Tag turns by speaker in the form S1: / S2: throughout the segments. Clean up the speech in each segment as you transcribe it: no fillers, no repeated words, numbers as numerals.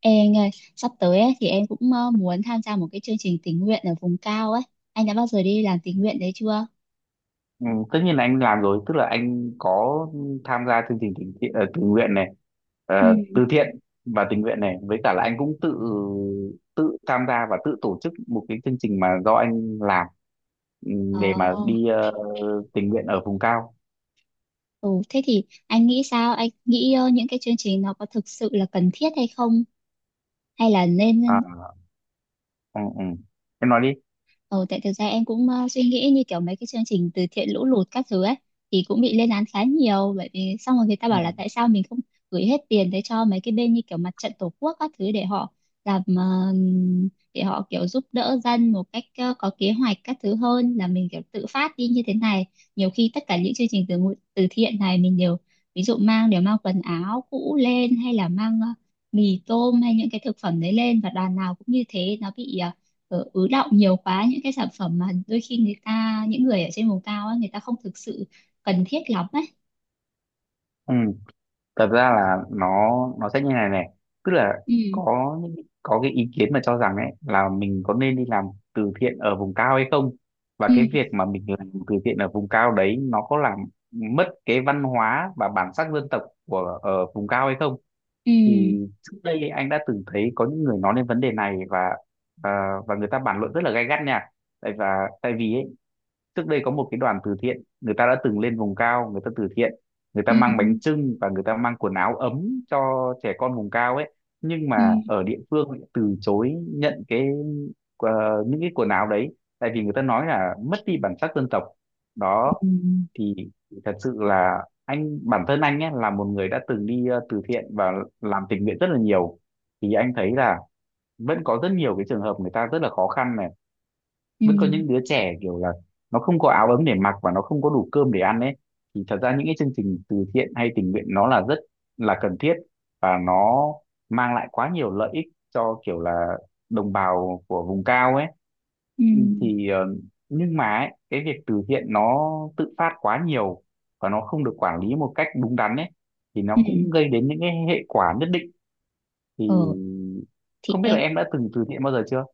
S1: Ê anh ơi, sắp tới ấy, thì em cũng muốn tham gia một cái chương trình tình nguyện ở vùng cao ấy. Anh đã bao giờ đi làm tình nguyện đấy chưa?
S2: Ừ, tất nhiên là anh làm rồi, tức là anh có tham gia chương trình tình nguyện này,
S1: Ừ.
S2: ờ, từ thiện và tình nguyện này, với cả là anh cũng tự tự tham gia và tự tổ chức một cái chương trình mà do anh làm, ừ,
S1: Ờ,
S2: để mà đi tình nguyện ở vùng cao.
S1: ừ, thế thì anh nghĩ sao? Anh nghĩ những cái chương trình nó có thực sự là cần thiết hay không? Hay là nên.
S2: À, Ừ. Em nói đi.
S1: Ờ, tại thực ra em cũng suy nghĩ như kiểu mấy cái chương trình từ thiện lũ lụt các thứ ấy thì cũng bị lên án khá nhiều bởi vì xong rồi người ta
S2: Ừ.
S1: bảo là tại sao mình không gửi hết tiền tới cho mấy cái bên như kiểu mặt trận tổ quốc các thứ để họ làm để họ kiểu giúp đỡ dân một cách có kế hoạch các thứ hơn là mình kiểu tự phát đi như thế này. Nhiều khi tất cả những chương trình từ thiện này mình đều ví dụ mang quần áo cũ lên hay là mang mì tôm hay những cái thực phẩm đấy lên và đoàn nào cũng như thế nó bị ứ đọng nhiều quá những cái sản phẩm mà đôi khi người ta những người ở trên vùng cao á, người ta không thực sự cần thiết lắm ấy.
S2: Ừ. Thật ra là nó sẽ như này này, tức là
S1: Ừ,
S2: có những- có cái ý kiến mà cho rằng ấy là mình có nên đi làm từ thiện ở vùng cao hay không, và
S1: ừ,
S2: cái việc mà mình làm từ thiện ở vùng cao đấy nó có làm mất cái văn hóa và bản sắc dân tộc của ở vùng cao hay không. Thì
S1: ừ,
S2: trước đây anh đã từng thấy có những người nói đến vấn đề này và và người ta bàn luận rất là gay gắt nha. tại và Tại vì ấy, trước đây có một cái đoàn từ thiện, người ta đã từng lên vùng cao người ta từ thiện, người
S1: ừ,
S2: ta mang bánh chưng và người ta mang quần áo ấm cho trẻ con vùng cao ấy, nhưng
S1: ừ,
S2: mà ở địa phương lại từ chối nhận cái, ờ, những cái quần áo đấy, tại vì người ta nói là mất đi bản sắc dân tộc đó.
S1: ừ,
S2: Thì thật sự là anh, bản thân anh ấy là một người đã từng đi từ thiện và làm tình nguyện rất là nhiều, thì anh thấy là vẫn có rất nhiều cái trường hợp người ta rất là khó khăn này,
S1: ừ,
S2: vẫn có những đứa trẻ kiểu là nó không có áo ấm để mặc và nó không có đủ cơm để ăn ấy, thì thật ra những cái chương trình từ thiện hay tình nguyện nó là rất là cần thiết, và nó mang lại quá nhiều lợi ích cho kiểu là đồng bào của vùng cao ấy.
S1: ừ, ừ,
S2: Thì nhưng mà ấy, cái việc từ thiện nó tự phát quá nhiều và nó không được quản lý một cách đúng đắn ấy, thì
S1: ừ.
S2: nó cũng gây đến những cái hệ quả nhất định. Thì
S1: ờ thì
S2: không biết là
S1: em.
S2: em đã từng từ thiện bao giờ chưa.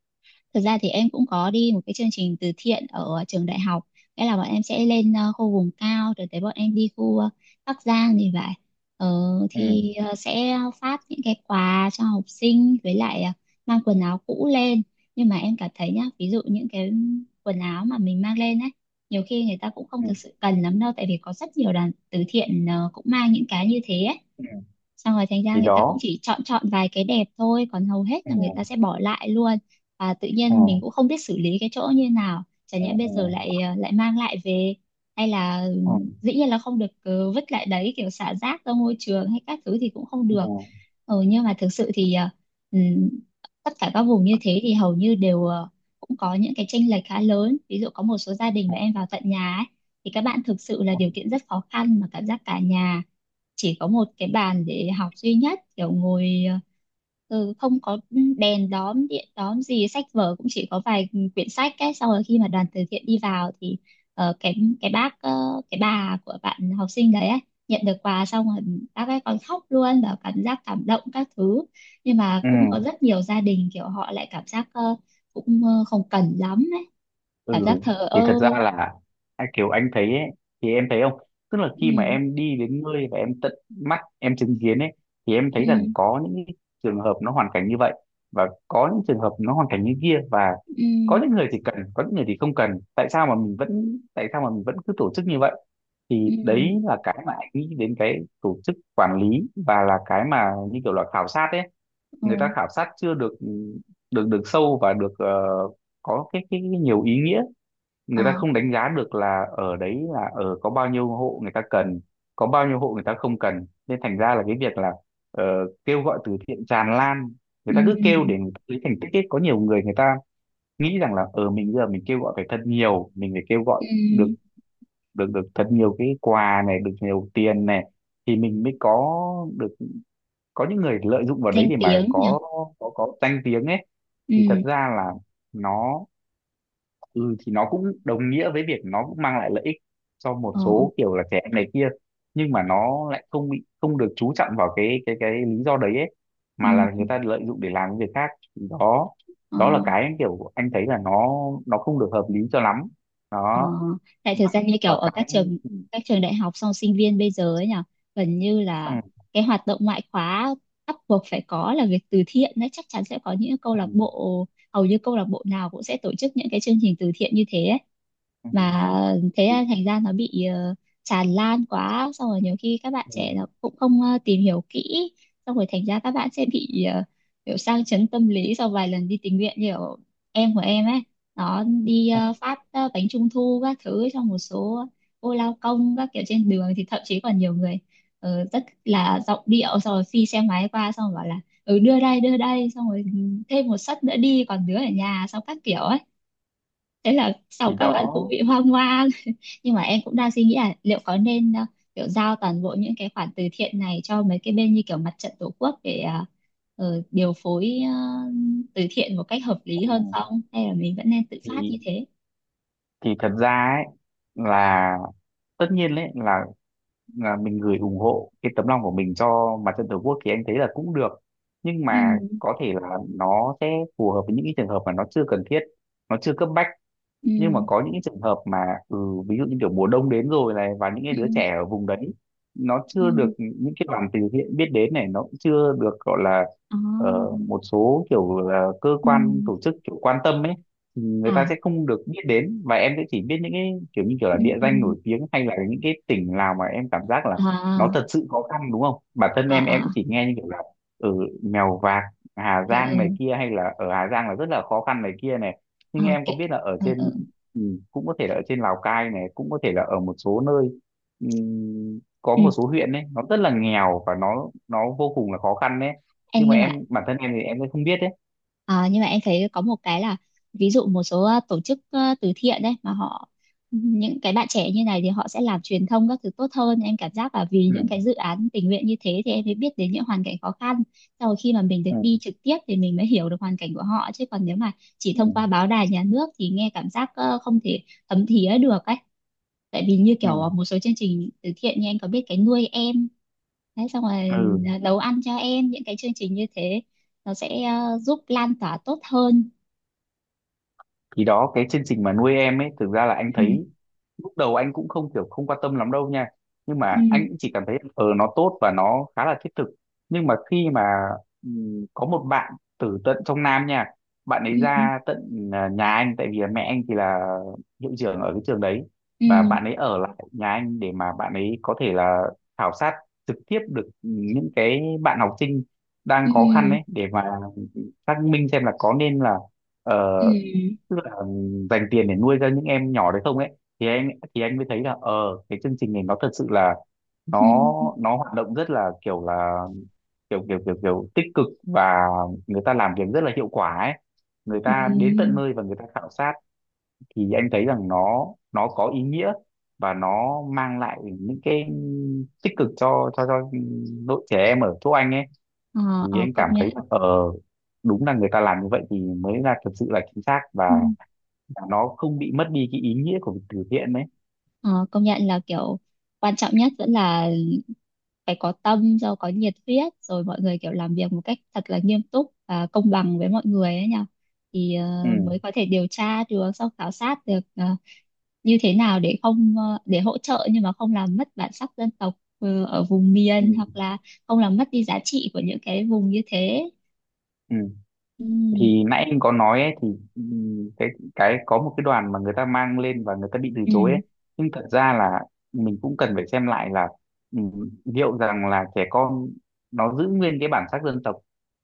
S1: Thực ra thì em cũng có đi một cái chương trình từ thiện ở trường đại học. Nghĩa là bọn em sẽ lên khu vùng cao rồi tới bọn em đi khu Bắc Giang thì vậy. Ờ,
S2: Ừ,
S1: thì sẽ phát những cái quà cho học sinh với lại mang quần áo cũ lên. Nhưng mà em cảm thấy nhá, ví dụ những cái quần áo mà mình mang lên ấy, nhiều khi người ta cũng
S2: ừ,
S1: không thực sự cần lắm đâu tại vì có rất nhiều đoàn từ thiện cũng mang những cái như thế ấy,
S2: ừ.
S1: xong rồi thành ra
S2: Thì
S1: người ta cũng
S2: đó.
S1: chỉ chọn chọn vài cái đẹp thôi còn hầu hết
S2: Ừ.
S1: là người ta sẽ bỏ lại luôn. Và tự nhiên mình
S2: Ừ.
S1: cũng không biết xử lý cái chỗ như nào, chả nhẽ
S2: Ừ.
S1: bây giờ lại lại mang lại về hay là
S2: Ừ,
S1: dĩ nhiên là không được vứt lại đấy kiểu xả rác ra môi trường hay các thứ thì cũng không được.
S2: ừ,
S1: Ừ, nhưng mà thực sự thì ừm, tất cả các vùng như thế thì hầu như đều cũng có những cái chênh lệch khá lớn, ví dụ có một số gia đình
S2: ừ,
S1: mà em vào tận nhà ấy, thì các bạn thực sự là
S2: ừ,
S1: điều kiện rất khó khăn mà cảm giác cả nhà chỉ có một cái bàn để học duy nhất kiểu ngồi ừ, không có đèn đóm điện đóm gì, sách vở cũng chỉ có vài quyển sách ấy, xong rồi khi mà đoàn từ thiện đi vào thì ờ, cái cái bác cái bà của bạn học sinh đấy ấy, nhận được quà xong rồi bác ấy còn khóc luôn và cảm giác cảm động các thứ, nhưng mà cũng có rất nhiều gia đình kiểu họ lại cảm giác cũng không cần lắm ấy, cảm
S2: ừ,
S1: giác
S2: ừ.
S1: thờ ơ.
S2: Thì thật ra là à, kiểu anh thấy ấy, thì em thấy không, tức là khi mà
S1: Ừ,
S2: em đi đến nơi và em tận mắt em chứng kiến ấy, thì em thấy rằng
S1: ừ,
S2: có những cái trường hợp nó hoàn cảnh như vậy, và có những trường hợp nó hoàn cảnh như kia, và
S1: ừ,
S2: có những người thì cần, có những người thì không cần, tại sao mà mình vẫn cứ tổ chức như vậy. Thì
S1: ừ,
S2: đấy là cái mà anh nghĩ đến cái tổ chức quản lý, và là cái mà như kiểu là khảo sát ấy.
S1: ừ, ờ,
S2: Người ta khảo sát chưa được được được sâu và được có cái nhiều ý nghĩa. Người ta
S1: ờ,
S2: không đánh giá được là ở đấy là ở có bao nhiêu hộ người ta cần, có bao nhiêu hộ người ta không cần, nên thành ra là cái việc là ờ, kêu gọi từ thiện tràn lan, người ta cứ kêu
S1: ừ,
S2: để người ta lấy thành tích ấy. Có nhiều người người ta nghĩ rằng là ở mình bây giờ mình kêu gọi phải thật nhiều, mình phải kêu gọi
S1: ừ,
S2: được được được thật nhiều cái quà này, được nhiều tiền này, thì mình mới có được, có những người lợi dụng vào đấy
S1: danh
S2: để mà
S1: tiếng nhỉ,
S2: có có danh tiếng ấy. Thì thật
S1: ừ,
S2: ra là nó, ừ thì nó cũng đồng nghĩa với việc nó cũng mang lại lợi ích cho một
S1: ờ,
S2: số kiểu là trẻ em này kia, nhưng mà nó lại không bị không được chú trọng vào cái cái lý do đấy ấy,
S1: ừ,
S2: mà là người ta lợi dụng để làm những việc khác. Thì đó,
S1: ờ.
S2: đó là cái kiểu anh thấy là nó không được hợp lý cho lắm
S1: Ờ,
S2: đó.
S1: tại thực
S2: Và,
S1: ra như
S2: và
S1: kiểu ở
S2: cái Ừ,
S1: các trường đại học xong sinh viên bây giờ ấy nhỉ, gần như
S2: ừ,
S1: là cái hoạt động ngoại khóa bắt buộc phải có là việc từ thiện đấy, chắc chắn sẽ có những câu lạc
S2: ừ,
S1: bộ, hầu như câu lạc bộ nào cũng sẽ tổ chức những cái chương trình từ thiện như thế ấy.
S2: ừ,
S1: Mà thế
S2: thì,
S1: là thành ra nó bị tràn lan quá, xong rồi nhiều khi các bạn
S2: ừ,
S1: trẻ nó cũng không tìm hiểu kỹ, xong rồi thành ra các bạn sẽ bị kiểu sang chấn tâm lý sau vài lần đi tình nguyện, như kiểu em của em ấy đó đi
S2: ừ,
S1: phát bánh trung thu các thứ cho một số cô lao công các kiểu trên đường, thì thậm chí còn nhiều người rất là giọng điệu, xong rồi phi xe máy qua xong rồi bảo là ừ đưa đây xong rồi ừ, thêm một suất nữa đi còn đứa ở nhà xong các kiểu ấy, thế là sau
S2: thì
S1: các
S2: đó.
S1: bạn cũng bị hoang mang. Nhưng mà em cũng đang suy nghĩ là liệu có nên kiểu giao toàn bộ những cái khoản từ thiện này cho mấy cái bên như kiểu mặt trận tổ quốc để điều phối từ thiện một cách hợp lý hơn
S2: Ừ,
S1: không, hay là mình vẫn nên tự phát
S2: thì
S1: như thế.
S2: thì thật ra ấy là tất nhiên là mình gửi ủng hộ cái tấm lòng của mình cho mặt trận tổ quốc thì anh thấy là cũng được, nhưng mà
S1: Ừ,
S2: có thể là nó sẽ phù hợp với những cái trường hợp mà nó chưa cần thiết, nó chưa cấp bách.
S1: ừ,
S2: Nhưng mà có những cái trường hợp mà, ừ, ví dụ như kiểu mùa đông đến rồi này, và những cái
S1: ừ,
S2: đứa trẻ ở vùng đấy nó
S1: ừ,
S2: chưa được những cái đoàn từ thiện biết đến này, nó cũng chưa được gọi là
S1: ờ,
S2: một số kiểu là cơ
S1: ừ,
S2: quan tổ chức kiểu quan tâm ấy, thì người ta
S1: à,
S2: sẽ không được biết đến. Và em sẽ chỉ biết những cái kiểu như kiểu là
S1: ừ,
S2: địa
S1: ừ,
S2: danh nổi tiếng hay là những cái tỉnh nào mà em cảm giác là
S1: à,
S2: nó thật sự khó khăn đúng không, bản thân
S1: à,
S2: em cũng
S1: à,
S2: chỉ nghe như kiểu là ở Mèo Vạc, Hà
S1: ừ,
S2: Giang này
S1: ừ,
S2: kia, hay là ở Hà Giang là rất là khó khăn này kia này.
S1: ờ,
S2: Nhưng
S1: ok,
S2: em có biết là ở
S1: ừ, ừ,
S2: trên, ừ, cũng có thể là ở trên Lào Cai này, cũng có thể là ở một số nơi, có
S1: ừ.
S2: một số huyện ấy nó rất là nghèo và nó vô cùng là khó khăn đấy,
S1: Em
S2: nhưng mà
S1: nhưng mà.
S2: em bản thân em thì em cũng không biết đấy.
S1: À, nhưng mà em thấy có một cái là ví dụ một số tổ chức từ thiện đấy mà họ những cái bạn trẻ như này thì họ sẽ làm truyền thông các thứ tốt hơn, em cảm giác là vì
S2: Ừ,
S1: những cái dự án tình nguyện như thế thì em mới biết đến những hoàn cảnh khó khăn, sau rồi khi mà mình được
S2: ừ,
S1: đi trực tiếp thì mình mới hiểu được hoàn cảnh của họ, chứ còn nếu mà chỉ
S2: ừ,
S1: thông qua báo đài nhà nước thì nghe cảm giác không thể thấm thía được ấy. Tại vì như
S2: ừ.
S1: kiểu một số chương trình từ thiện như anh có biết cái nuôi em. Đấy, xong rồi
S2: Ừ.
S1: à, nấu ăn cho em, những cái chương trình như thế nó sẽ giúp lan tỏa tốt hơn.
S2: Thì đó, cái chương trình mà nuôi em ấy thực ra là anh
S1: Ừ,
S2: thấy lúc đầu anh cũng không kiểu không quan tâm lắm đâu nha, nhưng
S1: ừ,
S2: mà anh cũng chỉ cảm thấy ờ nó tốt và nó khá là thiết thực. Nhưng mà khi mà, có một bạn từ tận trong Nam nha, bạn ấy
S1: ừ,
S2: ra tận à, nhà anh tại vì là mẹ anh thì là hiệu trưởng ở cái trường đấy,
S1: ừ,
S2: và bạn ấy ở lại nhà anh để mà bạn ấy có thể là khảo sát trực tiếp được những cái bạn học sinh đang
S1: ừ,
S2: khó khăn ấy, để mà xác minh xem là có nên là ờ,
S1: ừ,
S2: tức là dành tiền để nuôi ra những em nhỏ đấy không ấy. Thì anh, anh mới thấy là ờ cái chương trình này nó thật sự là nó
S1: ừ,
S2: nó hoạt động rất là kiểu kiểu kiểu kiểu tích cực, và người ta làm việc rất là hiệu quả ấy, người
S1: ừ,
S2: ta đến tận
S1: ừ.
S2: nơi và người ta khảo sát. Thì anh thấy rằng nó có ý nghĩa, và nó mang lại những cái tích cực cho cho đội trẻ em ở chỗ anh ấy.
S1: Ờ,
S2: Thì
S1: ờ,
S2: anh cảm
S1: công
S2: thấy
S1: nhận,
S2: là ờ đúng là người ta làm như vậy thì mới là thật sự là chính xác,
S1: ừ.
S2: và nó không bị mất đi cái ý nghĩa của việc từ thiện đấy.
S1: Ờ, công nhận là kiểu quan trọng nhất vẫn là phải có tâm rồi có nhiệt huyết rồi mọi người kiểu làm việc một cách thật là nghiêm túc và công bằng với mọi người ấy nhỉ, thì mới
S2: Ừ.
S1: có thể điều tra được sau khảo sát được như thế nào để không để hỗ trợ nhưng mà không làm mất bản sắc dân tộc ở vùng
S2: Ừ.
S1: miền hoặc là không làm mất đi giá trị của những cái vùng như thế.
S2: Ừ.
S1: Ừ,
S2: Thì nãy anh có nói ấy, thì, ừ, cái cái có một cái đoàn mà người ta mang lên và người ta bị từ
S1: ừ,
S2: chối ấy, nhưng thật ra là mình cũng cần phải xem lại là, ừ, liệu rằng là trẻ con nó giữ nguyên cái bản sắc dân tộc,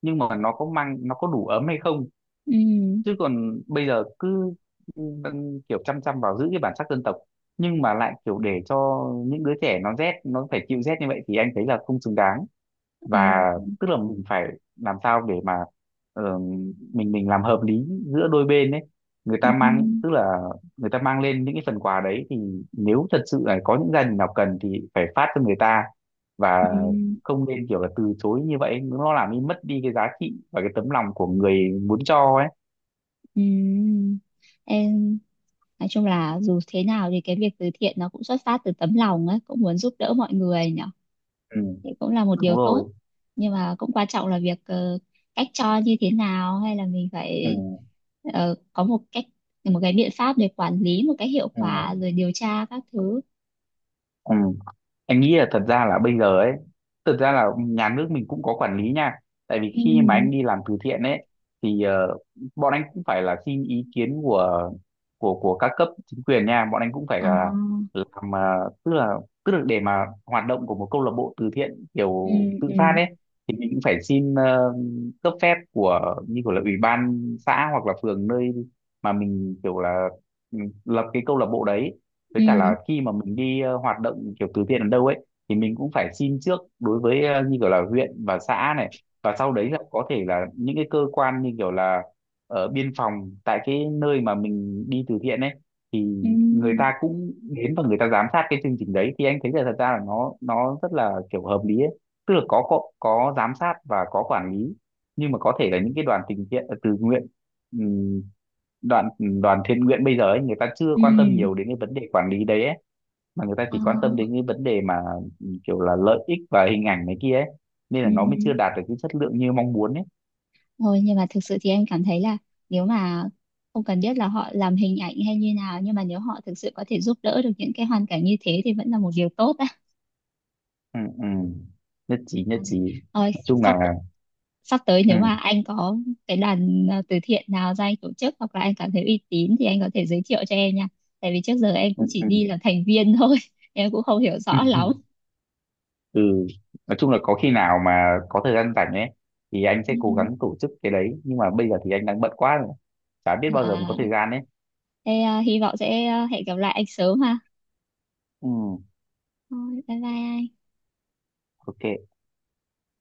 S2: nhưng mà nó có mang nó có đủ ấm hay không.
S1: ừ,
S2: Chứ còn bây giờ cứ, ừ, kiểu chăm chăm vào giữ cái bản sắc dân tộc, nhưng mà lại kiểu để cho những đứa trẻ nó rét, nó phải chịu rét như vậy thì anh thấy là không xứng đáng.
S1: ồ,
S2: Và tức là mình phải làm sao để mà ờ, mình làm hợp lý giữa đôi bên đấy. Người ta
S1: ừ,
S2: mang, tức là người ta mang lên những cái phần quà đấy, thì nếu thật sự là có những gia đình nào cần thì phải phát cho người ta, và
S1: ừ,
S2: không nên kiểu là từ chối như vậy, nó làm đi mất đi cái giá trị và cái tấm lòng của người muốn cho ấy.
S1: Ừ. Em nói chung là dù thế nào thì cái việc từ thiện nó cũng xuất phát từ tấm lòng ấy, cũng muốn giúp đỡ mọi người nhỉ.
S2: Ừ,
S1: Thì cũng là một điều
S2: đúng rồi.
S1: tốt. Nhưng mà cũng quan trọng là việc cách cho như thế nào hay là mình
S2: Ừ,
S1: phải có một cách, một cái biện pháp để quản lý một cách hiệu
S2: ừ,
S1: quả rồi điều tra các thứ.
S2: ừ. Anh nghĩ là thật ra là bây giờ ấy, thật ra là nhà nước mình cũng có quản lý nha, tại vì
S1: Ừ.
S2: khi mà anh đi làm từ thiện ấy, thì bọn anh cũng phải là xin ý kiến của của các cấp chính quyền nha, bọn anh cũng phải
S1: À.
S2: là làm tức là để mà hoạt động của một câu lạc bộ từ thiện kiểu
S1: Ừ,
S2: tự
S1: ừ,
S2: phát ấy, thì mình cũng phải xin cấp phép của như kiểu là ủy ban xã hoặc là phường nơi mà mình kiểu là, ừ, lập cái câu lạc bộ đấy. Với cả là
S1: ừ,
S2: khi mà mình đi hoạt động kiểu từ thiện ở đâu ấy, thì mình cũng phải xin trước đối với như kiểu là huyện và xã này, và sau đấy là có thể là những cái cơ quan như kiểu là ở biên phòng tại cái nơi mà mình đi từ thiện ấy, thì
S1: ừ,
S2: người ta cũng đến và người ta giám sát cái chương trình đấy. Thì anh thấy là thật ra là nó rất là kiểu hợp lý ấy, tức là có giám sát và có quản lý. Nhưng mà có thể là những cái đoàn tình thiện từ nguyện, đoàn đoàn thiện nguyện bây giờ ấy, người ta chưa
S1: ừ.
S2: quan tâm nhiều đến cái vấn đề quản lý đấy ấy, mà người ta
S1: À.
S2: chỉ quan tâm đến cái vấn đề mà, ừ, kiểu là lợi ích và hình ảnh này kia ấy, nên
S1: Ừ.
S2: là nó mới chưa đạt được cái chất lượng như mong muốn ấy.
S1: Thôi nhưng mà thực sự thì em cảm thấy là nếu mà không cần biết là họ làm hình ảnh hay như nào, nhưng mà nếu họ thực sự có thể giúp đỡ được những cái hoàn cảnh như thế thì vẫn là một điều tốt á.
S2: Ừ, ừ. Nhất trí, nhất
S1: À,
S2: trí.
S1: thôi
S2: Nói chung
S1: sắp
S2: là
S1: sắp tới
S2: ừ,
S1: nếu mà anh có cái đoàn à, từ thiện nào ra anh tổ chức hoặc là anh cảm thấy uy tín thì anh có thể giới thiệu cho em nha. Tại vì trước giờ em
S2: ừ,
S1: cũng chỉ
S2: ừ.
S1: đi là thành viên thôi, em cũng không hiểu rõ lắm.
S2: Ừ. Nói chung là có khi nào mà có thời gian rảnh ấy, thì anh sẽ cố gắng tổ chức cái đấy, nhưng mà bây giờ thì anh đang bận quá rồi, chả biết
S1: Ừ.
S2: bao giờ mới
S1: À,
S2: có thời gian ấy.
S1: thế à, hy vọng sẽ à, hẹn gặp lại anh sớm ha.
S2: Ừ,
S1: Thôi, bye bye anh.
S2: ok